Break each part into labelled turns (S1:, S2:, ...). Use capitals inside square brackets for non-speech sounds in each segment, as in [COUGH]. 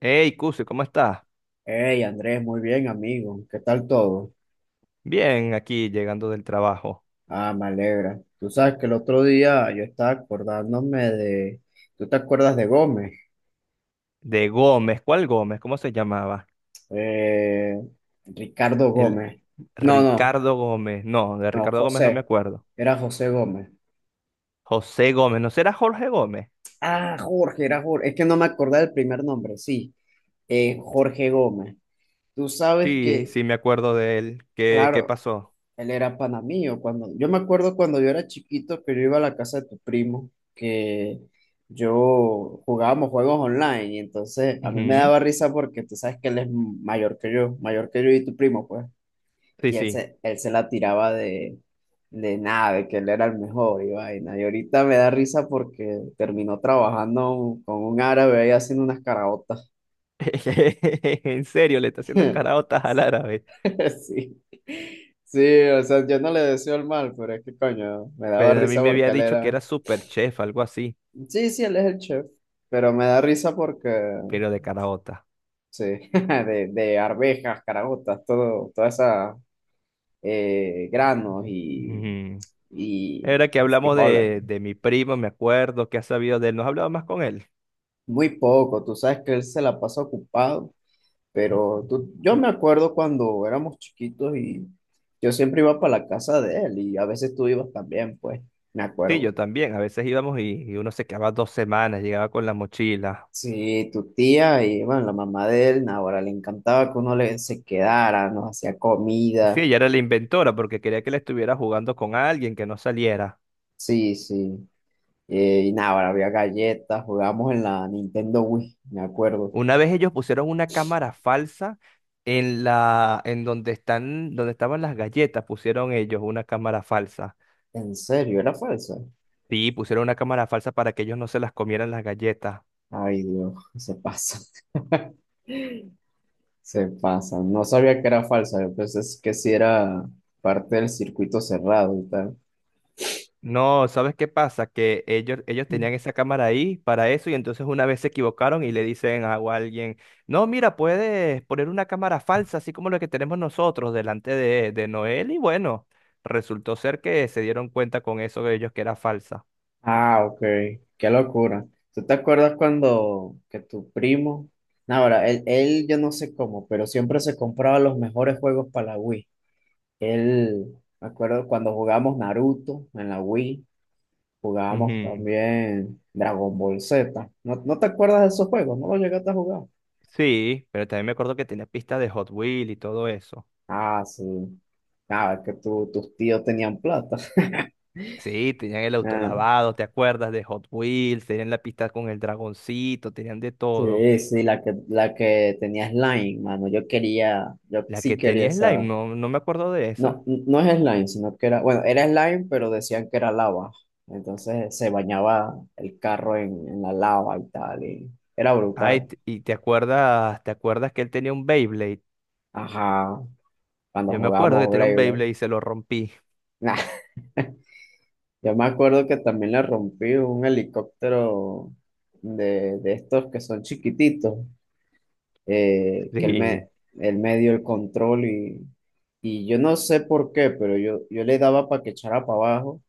S1: Hey, Cuse, ¿cómo estás?
S2: Hey Andrés, muy bien amigo, ¿qué tal todo?
S1: Bien, aquí llegando del trabajo.
S2: Ah, me alegra. Tú sabes que el otro día yo estaba acordándome de, ¿tú te acuerdas de Gómez?
S1: De Gómez, ¿cuál Gómez? ¿Cómo se llamaba?
S2: Eh, Ricardo
S1: El
S2: Gómez. No, no,
S1: Ricardo Gómez. No, de
S2: no,
S1: Ricardo Gómez no me
S2: José.
S1: acuerdo.
S2: Era José Gómez.
S1: José Gómez, ¿no será Jorge Gómez?
S2: Ah, Jorge, era Jorge. Es que no me acordaba del primer nombre, sí. Jorge Gómez. Tú sabes
S1: Sí,
S2: que,
S1: sí, me acuerdo de él. ¿Qué
S2: claro,
S1: pasó?
S2: él era panamío cuando yo me acuerdo cuando yo era chiquito que yo iba a la casa de tu primo, que yo jugábamos juegos online, y entonces a mí me
S1: Ujú.
S2: daba risa porque tú sabes que él es mayor que yo y tu primo, pues,
S1: Sí,
S2: y
S1: sí.
S2: él se la tiraba de nada, de que él era el mejor y vaina. Y ahorita me da risa porque terminó trabajando con un árabe ahí haciendo unas caraotas.
S1: [LAUGHS] En serio, le está haciendo
S2: [LAUGHS]
S1: caraotas al árabe.
S2: Sí. Sí, o sea, yo no le deseo el mal, pero es que coño, me daba
S1: Pero a mí
S2: risa
S1: me había
S2: porque él
S1: dicho que
S2: era.
S1: era super chef, algo así,
S2: Sí, sí, él es el chef, pero me da risa porque,
S1: pero de caraota.
S2: sí, [LAUGHS] de arvejas, caraotas, todo, toda esa granos
S1: Ujú.
S2: y
S1: Era que hablamos
S2: frijoles.
S1: de mi primo, me acuerdo, que ha sabido de él. ¿No has hablado más con él?
S2: Muy poco, tú sabes que él se la pasa ocupado, pero tú, yo me acuerdo cuando éramos chiquitos y yo siempre iba para la casa de él, y a veces tú ibas también, pues, me
S1: Sí,
S2: acuerdo.
S1: yo también. A veces íbamos y uno se quedaba 2 semanas, llegaba con la mochila.
S2: Sí, tu tía y bueno, la mamá de él, ahora le encantaba que se quedara, nos hacía
S1: Sí,
S2: comida.
S1: ella era la inventora porque quería que la estuviera jugando con alguien que no saliera.
S2: Sí, sí. Y nada, ahora había galletas, jugábamos en la Nintendo Wii, me acuerdo.
S1: Una vez ellos pusieron una cámara falsa en en donde estaban las galletas, pusieron ellos una cámara falsa.
S2: ¿En serio? ¿Era falsa?
S1: Sí, pusieron una cámara falsa para que ellos no se las comieran las galletas.
S2: Ay, Dios, se pasa, [LAUGHS] se pasa. No sabía que era falsa, yo pensé que sí era parte del circuito cerrado y tal.
S1: No, ¿sabes qué pasa? Que ellos tenían esa cámara ahí para eso y entonces una vez se equivocaron y le dicen a alguien, no, mira, puedes poner una cámara falsa, así como la que tenemos nosotros delante de Noel y bueno, resultó ser que se dieron cuenta con eso de ellos que era falsa.
S2: Ah, ok, qué locura. ¿Tú te acuerdas cuando que tu primo, no, ahora, él yo no sé cómo, pero siempre se compraba los mejores juegos para la Wii. Él, me acuerdo cuando jugamos Naruto en la Wii. Jugábamos
S1: Ujú.
S2: también Dragon Ball Z. No te acuerdas de esos juegos? ¿No los llegaste a jugar?
S1: Sí, pero también me acuerdo que tenía pistas de Hot Wheels y todo eso.
S2: Ah, sí. Ah, es que tus tíos tenían plata. [LAUGHS]
S1: Sí, tenían el auto
S2: Ah,
S1: lavado, ¿te acuerdas? De Hot Wheels, tenían la pista con el dragoncito, tenían de todo.
S2: sí, sí, la que tenía slime, mano. Yo quería, yo
S1: La que
S2: sí quería
S1: tenía Slime,
S2: esa.
S1: no, no me acuerdo de esa.
S2: No, no es slime, sino que era, bueno, era slime, pero decían que era lava. Entonces se bañaba el carro en la lava y tal, y era
S1: Ay,
S2: brutal.
S1: y te acuerdas que él tenía un Beyblade.
S2: Ajá, cuando
S1: Yo me acuerdo que
S2: jugábamos
S1: tenía un
S2: Blade Blade.
S1: Beyblade y se lo rompí. [LAUGHS]
S2: Nah. [LAUGHS] Yo me acuerdo que también le rompí un helicóptero de estos que son chiquititos, que
S1: Sí.
S2: él me dio el control y yo no sé por qué, pero yo le daba para que echara para abajo,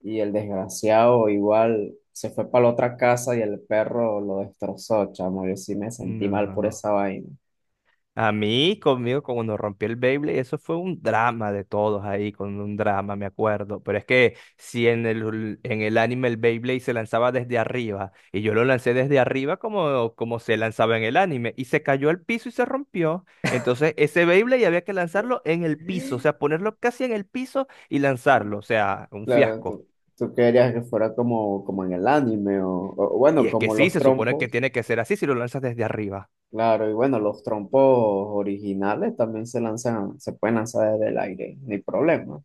S2: y el desgraciado igual se fue para la otra casa y el perro lo destrozó, chamo. Yo sí me sentí mal por
S1: No.
S2: esa vaina.
S1: A mí, conmigo, cuando rompí el Beyblade, eso fue un drama de todos ahí, con un drama, me acuerdo. Pero es que si en el anime el Beyblade se lanzaba desde arriba, y yo lo lancé desde arriba como se lanzaba en el anime, y se cayó al piso y se rompió. Entonces, ese Beyblade había que lanzarlo en el piso, o sea, ponerlo casi en el piso y lanzarlo, o sea, un
S2: Claro,
S1: fiasco.
S2: tú querías que fuera como en el anime o
S1: Y
S2: bueno,
S1: es que
S2: como
S1: sí,
S2: los
S1: se supone que
S2: trompos.
S1: tiene que ser así si lo lanzas desde arriba.
S2: Claro, y bueno, los trompos originales también se lanzan, se pueden lanzar desde el aire, no hay problema.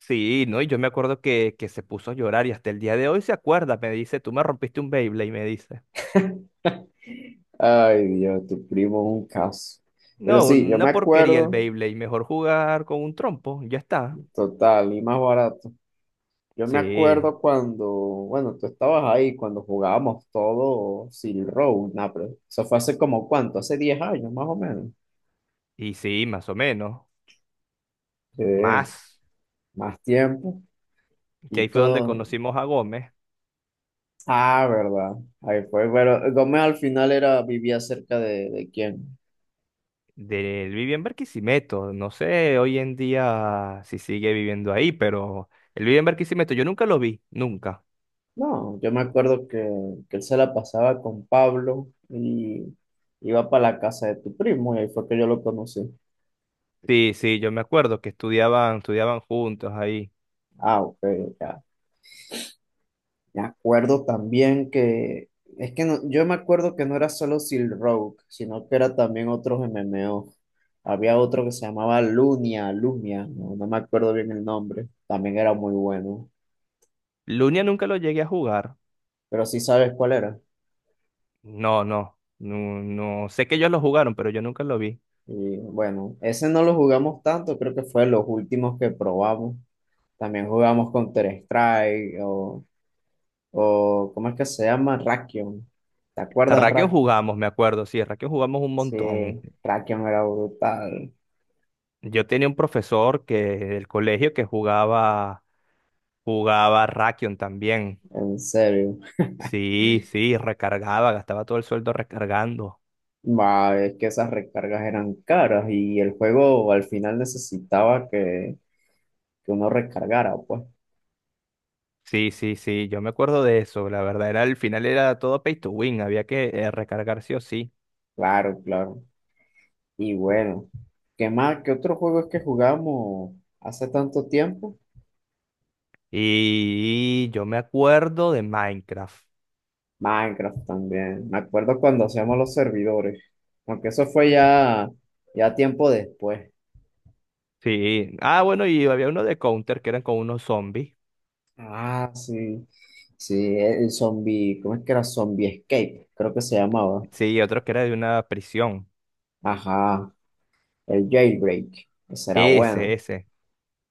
S1: Sí, ¿no? Y yo me acuerdo que se puso a llorar y hasta el día de hoy se acuerda. Me dice, tú me rompiste un Beyblade, me dice.
S2: Ay, Dios, tu primo es un caso. Pero
S1: No,
S2: sí, yo me
S1: una porquería el
S2: acuerdo,
S1: Beyblade. Mejor jugar con un trompo, ya está.
S2: total, y más barato. Yo me
S1: Sí,
S2: acuerdo cuando, bueno, tú estabas ahí, cuando jugábamos todo Silk Road, nah, pero eso fue hace como cuánto, hace 10 años más o menos.
S1: y sí, más o menos.
S2: Sí,
S1: Más.
S2: más tiempo
S1: Que
S2: y
S1: ahí fue donde
S2: todo.
S1: conocimos a Gómez.
S2: Ah, verdad. Ahí fue, pero Gómez al final era, vivía cerca de quién.
S1: Él vivía en Barquisimeto. No sé hoy en día si sigue viviendo ahí, pero él vive en Barquisimeto. Yo nunca lo vi, nunca.
S2: No, yo me acuerdo que él se la pasaba con Pablo y iba para la casa de tu primo, y ahí fue que yo lo conocí.
S1: Sí, sí, yo me acuerdo que estudiaban juntos ahí.
S2: Ah, ok, ya. Me acuerdo también que, es que yo me acuerdo que no era solo Silk Road, sino que era también otros MMO. Había otro que se llamaba Lunia, Lumia, no, no me acuerdo bien el nombre, también era muy bueno,
S1: Lunia nunca lo llegué a jugar.
S2: pero sí sabes cuál era.
S1: No, no, no, no. Sé que ellos lo jugaron, pero yo nunca lo vi.
S2: Y bueno, ese no lo jugamos tanto, creo que fue de los últimos que probamos. También jugamos Counter Strike o ¿cómo es que se llama? Rakion. ¿Te acuerdas de
S1: Rakion
S2: Rakion?
S1: jugamos, me acuerdo, sí, Rakion jugamos un
S2: Sí,
S1: montón.
S2: Rakion era brutal,
S1: Yo tenía un profesor que del colegio que jugaba Rakion también.
S2: en serio.
S1: Sí, sí, recargaba, gastaba todo el sueldo recargando.
S2: Ma, es que esas recargas eran caras y el juego al final necesitaba que uno recargara, pues.
S1: Sí, sí, sí, yo me acuerdo de eso, la verdad, era al final era todo pay to win, había que recargar sí o sí.
S2: Claro, claro. Y bueno, ¿qué más? ¿Qué otro juego es que jugamos hace tanto tiempo?
S1: Y yo me acuerdo de Minecraft.
S2: Minecraft también. Me acuerdo cuando hacíamos los servidores, aunque eso fue ya ya tiempo después.
S1: Sí. Ah, bueno, y había uno de Counter que eran con unos zombies.
S2: Ah, sí. Sí, el zombie, ¿cómo es que era? Zombie Escape, creo que se llamaba.
S1: Sí, y otro que era de una prisión.
S2: Ajá, el Jailbreak. Ese era
S1: Ese,
S2: bueno.
S1: ese.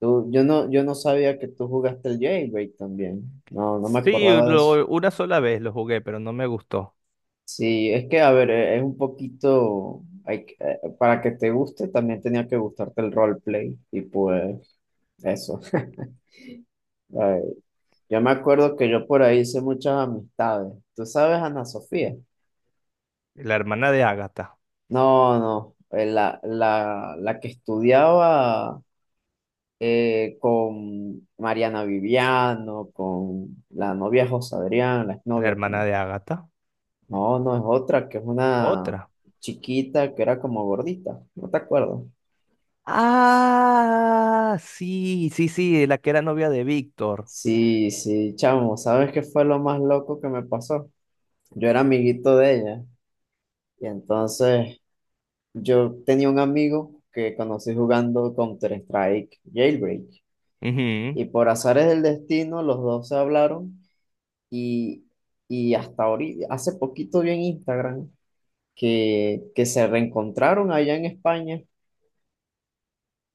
S2: Tú, yo no sabía que tú jugaste el Jailbreak también. No, no me
S1: Sí,
S2: acordaba de eso.
S1: una sola vez lo jugué, pero no me gustó.
S2: Sí, es que, a ver, es un poquito, para que te guste, también tenía que gustarte el roleplay. Y pues, eso. [LAUGHS] Ay, yo me acuerdo que yo por ahí hice muchas amistades. ¿Tú sabes, Ana Sofía?
S1: La hermana de Ágata.
S2: No, no, la que estudiaba con Mariana Viviano, con la novia José Adrián, la
S1: La
S2: exnovia
S1: hermana
S2: también.
S1: de Ágata.
S2: No, no, es otra, que es una
S1: Otra.
S2: chiquita que era como gordita, no te acuerdo.
S1: Ah, sí, sí, sí, la que era novia de Víctor.
S2: Sí, sí, chamo, ¿sabes qué fue lo más loco que me pasó? Yo era amiguito de ella y entonces yo tenía un amigo que conocí jugando Counter-Strike Jailbreak.
S1: Ujú,
S2: Y por azares del destino, los dos se hablaron y, y hasta ahorita, hace poquito vi en Instagram que se reencontraron allá en España.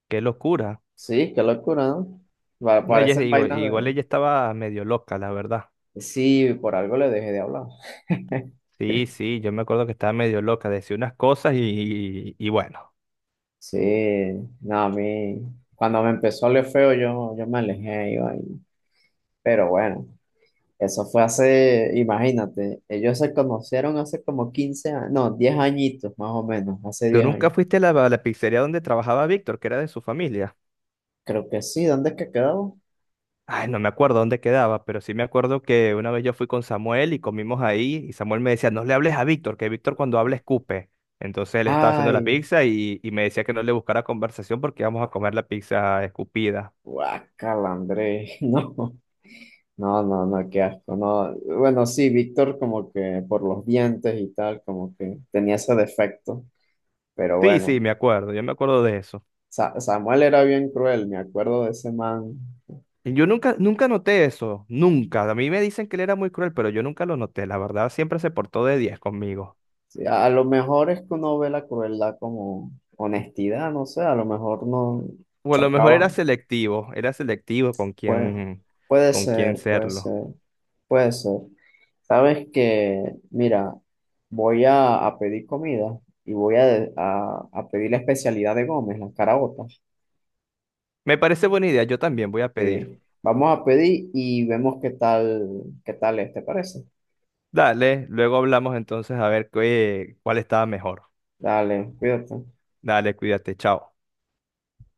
S1: qué locura.
S2: Sí, qué locura, ¿no?
S1: No, ella,
S2: Parecen
S1: igual,
S2: vainas
S1: igual
S2: de...
S1: ella estaba medio loca, la verdad.
S2: Sí, por algo le dejé de hablar. [LAUGHS]
S1: Sí, sí, yo me acuerdo que estaba medio loca, decía unas cosas y bueno.
S2: Sí, no, cuando me empezó a oler feo, yo me alejé, iba ahí. Pero bueno, eso fue hace, imagínate, ellos se conocieron hace como 15 años, no, 10 añitos más o menos, hace
S1: ¿Tú
S2: 10
S1: nunca
S2: años.
S1: fuiste a la pizzería donde trabajaba Víctor, que era de su familia?
S2: Creo que sí, ¿dónde es que quedó?
S1: Ay, no me acuerdo dónde quedaba, pero sí me acuerdo que una vez yo fui con Samuel y comimos ahí y Samuel me decía, no le hables a Víctor, que Víctor cuando habla escupe. Entonces él estaba haciendo la
S2: Ay,
S1: pizza y me decía que no le buscara conversación porque íbamos a comer la pizza escupida.
S2: guácala, André, [LAUGHS] no, no, no, qué asco, no. Bueno, sí, Víctor como que por los dientes y tal, como que tenía ese defecto, pero
S1: Sí, sí,
S2: bueno,
S1: me acuerdo, yo me acuerdo de eso.
S2: Samuel era bien cruel, me acuerdo de ese man.
S1: Yo nunca, nunca noté eso, nunca. A mí me dicen que él era muy cruel, pero yo nunca lo noté. La verdad, siempre se portó de 10 conmigo.
S2: Sí, a lo mejor es que uno ve la crueldad como honestidad, no sé, a lo mejor no
S1: O a lo mejor era
S2: chocaban,
S1: selectivo, era selectivo
S2: puede, puede
S1: con quién
S2: ser, puede
S1: serlo.
S2: ser. Puede ser. Sabes que, mira, a pedir comida y voy a, de- a pedir la especialidad de Gómez, las caraotas.
S1: Me parece buena idea, yo también voy a pedir.
S2: Sí. Vamos a pedir y vemos qué tal es, ¿te parece?
S1: Dale, luego hablamos entonces a ver cuál estaba mejor.
S2: Dale, cuídate.
S1: Dale, cuídate, chao.